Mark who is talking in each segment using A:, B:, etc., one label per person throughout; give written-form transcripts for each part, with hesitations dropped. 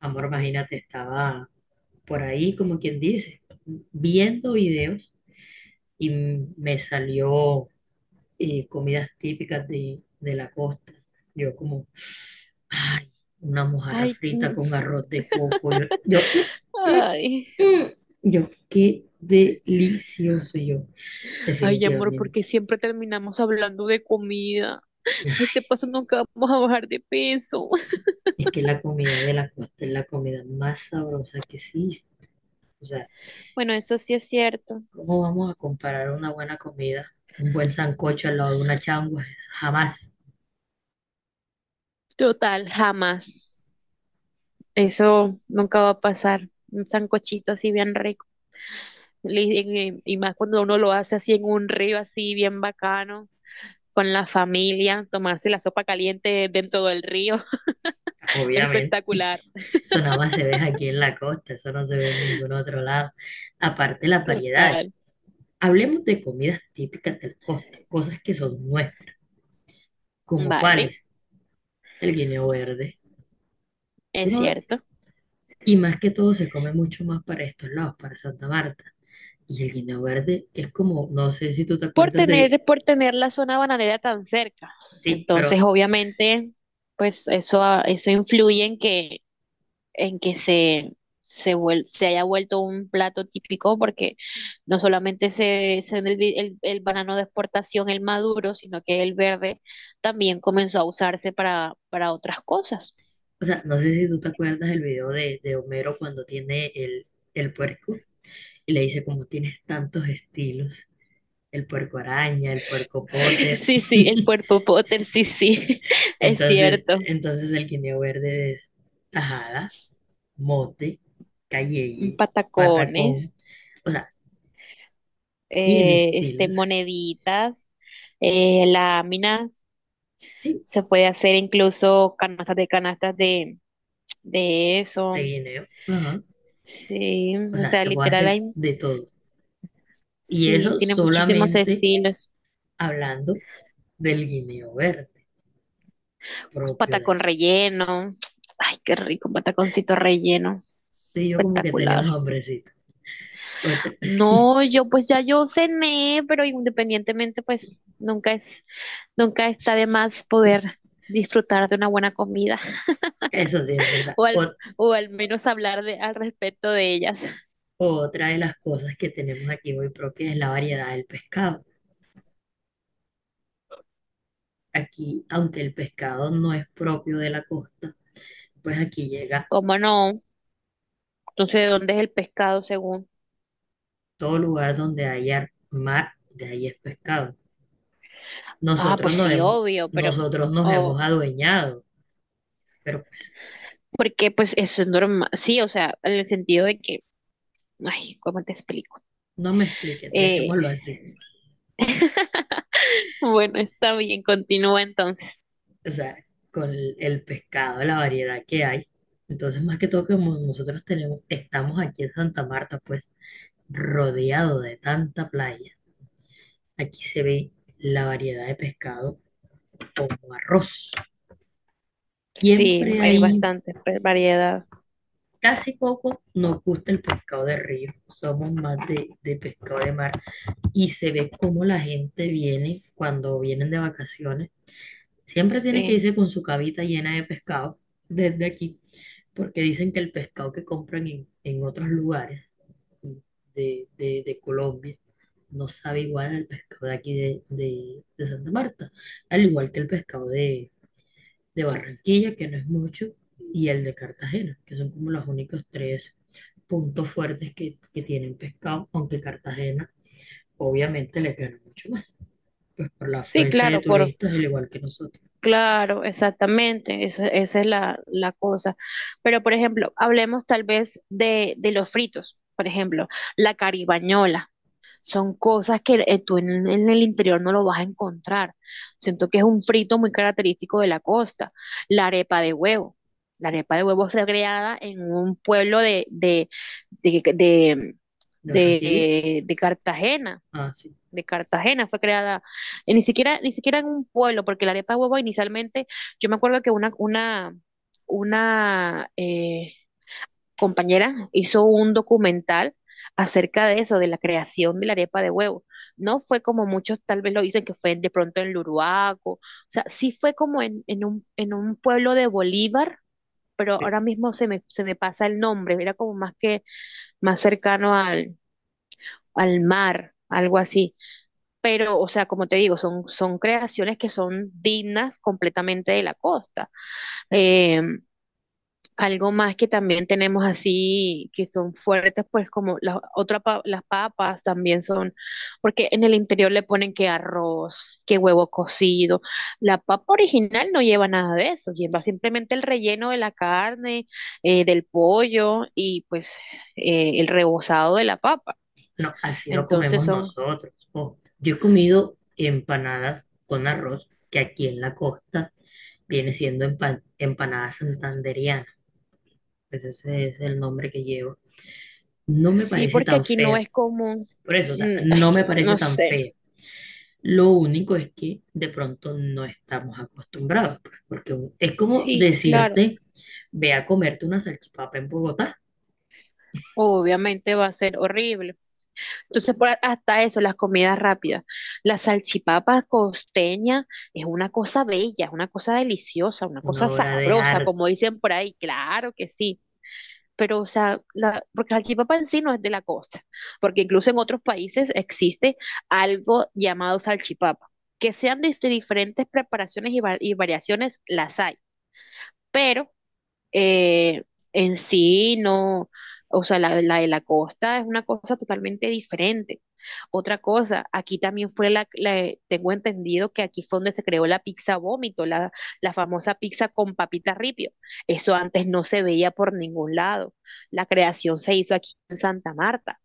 A: Amor, imagínate, estaba por ahí, como quien dice, viendo videos y me salió comidas típicas de, la costa. Yo como, ay, una mojarra
B: Ay,
A: frita
B: mm,
A: con arroz de coco. "Mm,
B: ay,
A: mm, mm". Yo, qué delicioso. Yo,
B: ay, amor,
A: definitivamente.
B: porque siempre terminamos hablando de comida. A este paso nunca vamos a bajar de peso.
A: Es que la comida de la costa es la comida más sabrosa que existe. O sea,
B: Bueno, eso sí es cierto.
A: ¿cómo vamos a comparar una buena comida, un buen sancocho al lado de una changua? Jamás,
B: Total, jamás. Eso nunca va a pasar. Un sancochito así bien rico. Le- Y más cuando uno lo hace así en un río, así bien bacano, con la familia, tomarse la sopa caliente dentro del río.
A: obviamente.
B: Espectacular.
A: Eso nada más se ve aquí en la costa, eso no se ve en ningún otro lado. Aparte las variedades.
B: Total.
A: Hablemos de comidas típicas de la costa, cosas que son nuestras, como
B: Vale.
A: cuáles, el guineo verde. Tú
B: Es
A: no ves-
B: cierto.
A: Y más que todo se come mucho más para estos lados, para Santa Marta. Y el guineo verde es como, no sé si tú te
B: por
A: acuerdas de,
B: tener, por tener la zona bananera tan cerca.
A: sí,
B: Entonces,
A: pero...
B: obviamente, pues eso influye en en que se haya vuelto un plato típico, porque no solamente se, se el, vi- el banano de exportación, el maduro, sino que el verde también comenzó a usarse para otras cosas.
A: O sea, no sé si tú te acuerdas del video de, Homero cuando tiene el puerco y le dice como tienes tantos estilos, el puerco araña, el puerco Potter.
B: Sí, sí, el puerpo Potter, sí, sí, es
A: Entonces,
B: cierto.
A: entonces el guineo verde es tajada, mote, calleye,
B: Patacones.
A: patacón. O sea, tiene estilos.
B: Moneditas, láminas,
A: Sí,
B: se puede hacer incluso canastas de eso.
A: de guineo. Ajá.
B: Sí,
A: O
B: o
A: sea,
B: sea,
A: se puede
B: literal,
A: hacer
B: hay,
A: de todo. Y
B: sí,
A: eso
B: tiene muchísimos
A: solamente
B: estilos.
A: hablando del guineo verde propio de
B: Patacón
A: aquí.
B: relleno. Ay, qué rico, un pataconcito relleno.
A: Tú y yo como que
B: Espectacular.
A: tenemos hambrecito. Otra-
B: No, yo pues ya yo cené, pero independientemente, pues nunca está de más poder disfrutar de una buena comida.
A: Eso sí es verdad.
B: O al, o al menos hablar al respecto de ellas.
A: Otra de las cosas que tenemos aquí muy propia es la variedad del pescado. Aquí, aunque el pescado no es propio de la costa, pues aquí llega
B: ¿Cómo no? Entonces, ¿de dónde es el pescado según?
A: todo lugar donde haya mar, de ahí es pescado.
B: Ah,
A: Nosotros
B: pues
A: nos
B: sí,
A: hemos,
B: obvio, pero,
A: nosotros nos
B: o,
A: hemos adueñado, pero pues
B: porque pues eso es normal, sí, o sea, en el sentido de que, ay, ¿cómo te explico?
A: no me expliques,
B: Eh,
A: dejémoslo así.
B: bueno, está bien, continúa entonces.
A: O sea, con el pescado, la variedad que hay. Entonces, más que todo, como nosotros tenemos, estamos aquí en Santa Marta, pues, rodeado de tanta playa, aquí se ve la variedad de pescado como arroz.
B: Sí,
A: Siempre
B: hay
A: hay,
B: bastante pues, variedad,
A: casi poco, nos gusta el pescado de río, somos más de, pescado de mar y se ve cómo la gente viene cuando vienen de vacaciones. Siempre tienen que
B: sí.
A: irse con su cabita llena de pescado desde aquí, porque dicen que el pescado que compran en otros lugares de, de Colombia no sabe igual al pescado de aquí de, de Santa Marta, al igual que el pescado de, Barranquilla, que no es mucho, y el de Cartagena, que son como los únicos tres puntos fuertes que, tienen pescado, aunque Cartagena obviamente le gana mucho más, pues por la
B: Sí,
A: afluencia de
B: claro,
A: turistas, al igual que nosotros.
B: claro, exactamente, esa es la cosa. Pero, por ejemplo, hablemos tal vez de los fritos, por ejemplo, la caribañola. Son cosas que tú en el interior no lo vas a encontrar. Siento que es un frito muy característico de la costa. La arepa de huevo. La arepa de huevo fue creada en un pueblo de, de,
A: De Barranquilla,
B: de Cartagena.
A: ah, sí.
B: De Cartagena, fue creada, ni siquiera, ni siquiera en un pueblo, porque la arepa de huevo inicialmente, yo me acuerdo que una compañera hizo un documental acerca de eso, de la creación de la arepa de huevo. No fue como muchos tal vez lo dicen que fue de pronto en Luruaco, o sea, sí fue como en en un pueblo de Bolívar, pero ahora mismo se me pasa el nombre, era como más cercano al, al mar, algo así. Pero, o sea, como te digo, son, son creaciones que son dignas completamente de la costa. Eh, Algo más que también tenemos así, que son fuertes, pues como las papas también son, porque en el interior le ponen que arroz, que huevo cocido. La papa original no lleva nada de eso, lleva simplemente el relleno de la carne, del pollo y pues el rebozado de la papa.
A: No, así lo
B: Entonces
A: comemos
B: son.
A: nosotros. Ojo, yo he comido empanadas con arroz, que aquí en la costa viene siendo empanada santanderiana. Pues ese es el nombre que llevo. No me
B: Sí,
A: parece
B: porque
A: tan
B: aquí no
A: fea.
B: es común.
A: Por eso, o sea,
B: Mm, es
A: no
B: que
A: me
B: no
A: parece tan
B: sé.
A: fea. Lo único es que de pronto no estamos acostumbrados, pues, porque es como
B: Sí, claro.
A: decirte, ve a comerte una salchipapa en Bogotá,
B: Obviamente va a ser horrible. Entonces, hasta eso, las comidas rápidas. La salchipapa costeña es una cosa bella, es una cosa deliciosa, una cosa
A: una obra de
B: sabrosa, como
A: arte,
B: dicen por ahí. Claro que sí. Pero, o sea, la, porque la salchipapa en sí no es de la costa, porque incluso en otros países existe algo llamado salchipapa. Que sean de diferentes preparaciones y y variaciones, las hay. Pero eh, en sí no, o sea, la de la costa es una cosa totalmente diferente. Otra cosa, aquí también fue tengo entendido que aquí fue donde se creó la pizza vómito, la famosa pizza con papita ripio. Eso antes no se veía por ningún lado. La creación se hizo aquí en Santa Marta.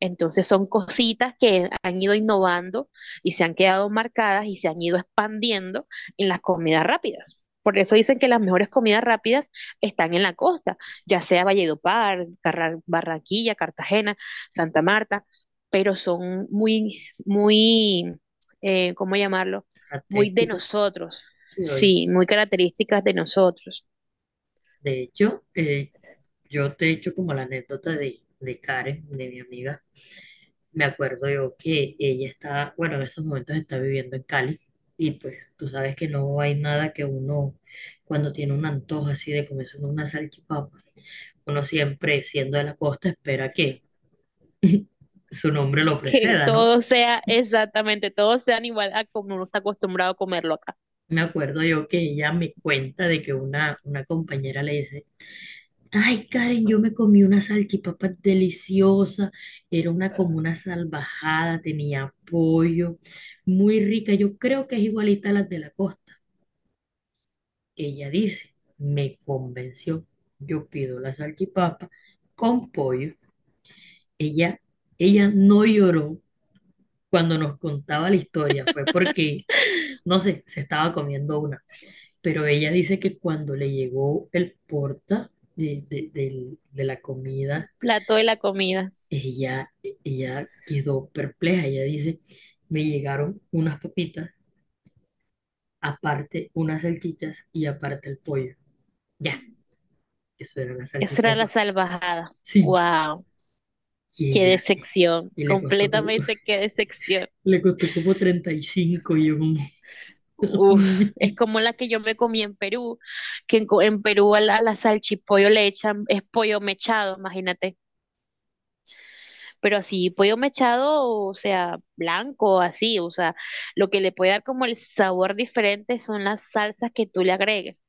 B: Entonces son cositas que han ido innovando y se han quedado marcadas y se han ido expandiendo en las comidas rápidas. Por eso dicen que las mejores comidas rápidas están en la costa, ya sea Valledupar, Barranquilla, Cartagena, Santa Marta, pero son muy, ¿cómo llamarlo? Muy de
A: características.
B: nosotros,
A: Sí, oye.
B: sí, muy características de nosotros.
A: De hecho, yo te he hecho como la anécdota de, Karen, de mi amiga. Me acuerdo yo que ella está, bueno, en estos momentos está viviendo en Cali y pues tú sabes que no hay nada que uno, cuando tiene un antojo así de comerse una salchipapa, uno siempre, siendo de la costa, espera que su nombre lo
B: Que
A: preceda, ¿no?
B: todo sea exactamente, todo sean igual a como uno está acostumbrado a comerlo acá.
A: Me acuerdo yo que ella me cuenta de que una compañera le dice, ay, Karen, yo me comí una salchipapa deliciosa. Era una como una salvajada, tenía pollo, muy rica. Yo creo que es igualita a las de la costa. Ella dice, me convenció. Yo pido la salchipapa con pollo. Ella, ella no lloró cuando nos contaba la historia. Fue porque, no sé, se estaba comiendo una. Pero ella dice que cuando le llegó el porta de, de la
B: El
A: comida...
B: plato de la comida.
A: Ella, ella quedó perpleja. Ella dice, me llegaron unas papitas, aparte unas salchichas y aparte el pollo. Ya, eso era la
B: Esa era la
A: salchipapa.
B: salvajada.
A: Sí,
B: Wow,
A: y
B: qué
A: ella,
B: decepción.
A: y
B: Completamente qué decepción.
A: le costó como 35 y cinco y yo como...
B: Uf, es como la que yo me comí en Perú, que en Perú a a la salchipollo le echan, es pollo mechado, imagínate. Pero así, pollo mechado, o sea, blanco, así, o sea, lo que le puede dar como el sabor diferente son las salsas que tú le agregues.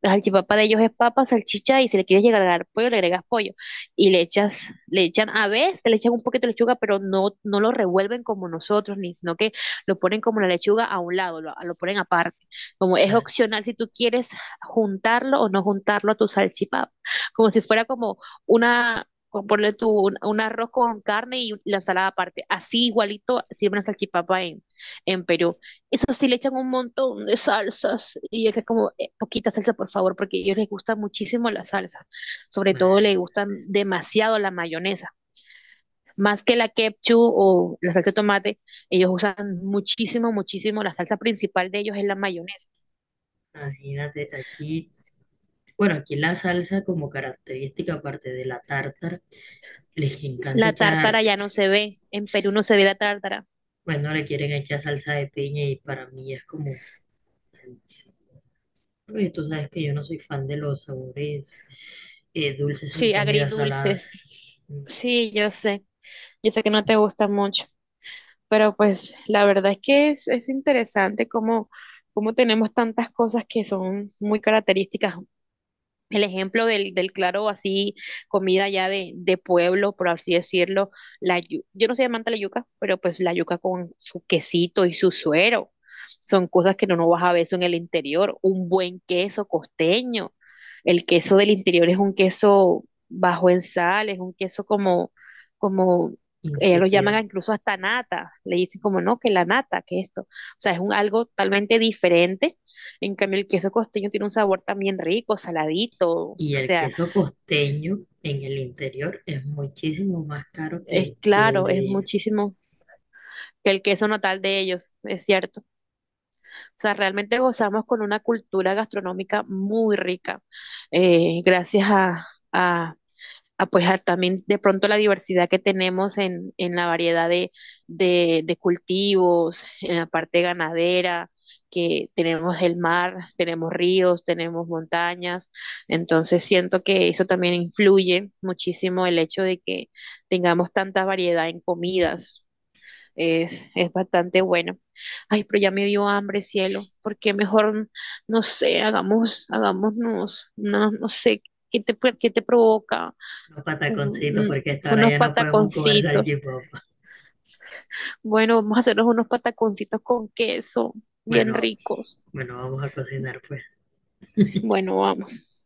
B: La salchipapa de ellos es papa, salchicha y si le quieres llegar a agregar pollo, le agregas pollo. Y le echan, a veces le echan un poquito de lechuga, pero no, no lo revuelven como nosotros, ni sino que lo ponen como la lechuga a un lado, lo ponen aparte. Como es
A: Ah,
B: opcional si tú quieres juntarlo o no juntarlo a tu salchipapa. Como si fuera como una, como ponle tú un arroz con carne y la ensalada aparte. Así igualito sirve una salchipapa en Perú. Eso sí le echan un montón de salsas y es que es como, poquita salsa, por favor, porque a ellos les gusta muchísimo la salsa. Sobre todo
A: mae,
B: les gustan demasiado la mayonesa. Más que la ketchup o la salsa de tomate, ellos usan muchísimo, muchísimo. La salsa principal de ellos es la mayonesa.
A: imagínate aquí, bueno, aquí la salsa como característica aparte de la tártara, les encanta
B: La
A: echar,
B: tártara ya no se ve. En Perú no se ve la tártara.
A: bueno, le quieren echar salsa de piña y para mí es como... Oye, tú sabes que yo no soy fan de los sabores dulces en
B: Sí,
A: comidas saladas.
B: agridulces.
A: Mm.
B: Sí, yo sé. Yo sé que no te gusta mucho. Pero pues la verdad es que es interesante cómo, cómo tenemos tantas cosas que son muy características. El ejemplo del claro, así, comida ya de pueblo, por así decirlo, yo no soy amante de la yuca, pero pues la yuca con su quesito y su suero, son cosas que no, no vas a ver eso en el interior, un buen queso costeño, el queso del interior es un queso bajo en sal, es un queso como, ellos lo llaman
A: Insípidos.
B: incluso hasta nata, le dicen como no, que la nata, que esto, o sea, es un algo totalmente diferente. En cambio, el queso costeño tiene un sabor también rico, saladito, o
A: Y el
B: sea,
A: queso costeño en el interior es muchísimo más caro
B: es
A: que, el
B: claro, es
A: de
B: muchísimo que el queso natal de ellos, es cierto. O sea, realmente gozamos con una cultura gastronómica muy rica, gracias a pues a también de pronto la diversidad que tenemos en la variedad de de cultivos, en la parte ganadera, que tenemos el mar, tenemos ríos, tenemos montañas, entonces siento que eso también influye muchísimo el hecho de que tengamos tanta variedad en comidas. Es bastante bueno. Ay, pero ya me dio hambre, cielo. ¿Por qué mejor, no sé, hagámonos, no, no sé, qué te provoca?
A: los
B: Uf,
A: pataconcitos,
B: mm,
A: porque hasta ahora
B: unos
A: ya no podemos comer
B: pataconcitos.
A: salchipapa.
B: Bueno, vamos a hacernos unos pataconcitos con queso, bien
A: Bueno,
B: ricos.
A: bueno, vamos a cocinar pues.
B: Bueno, vamos.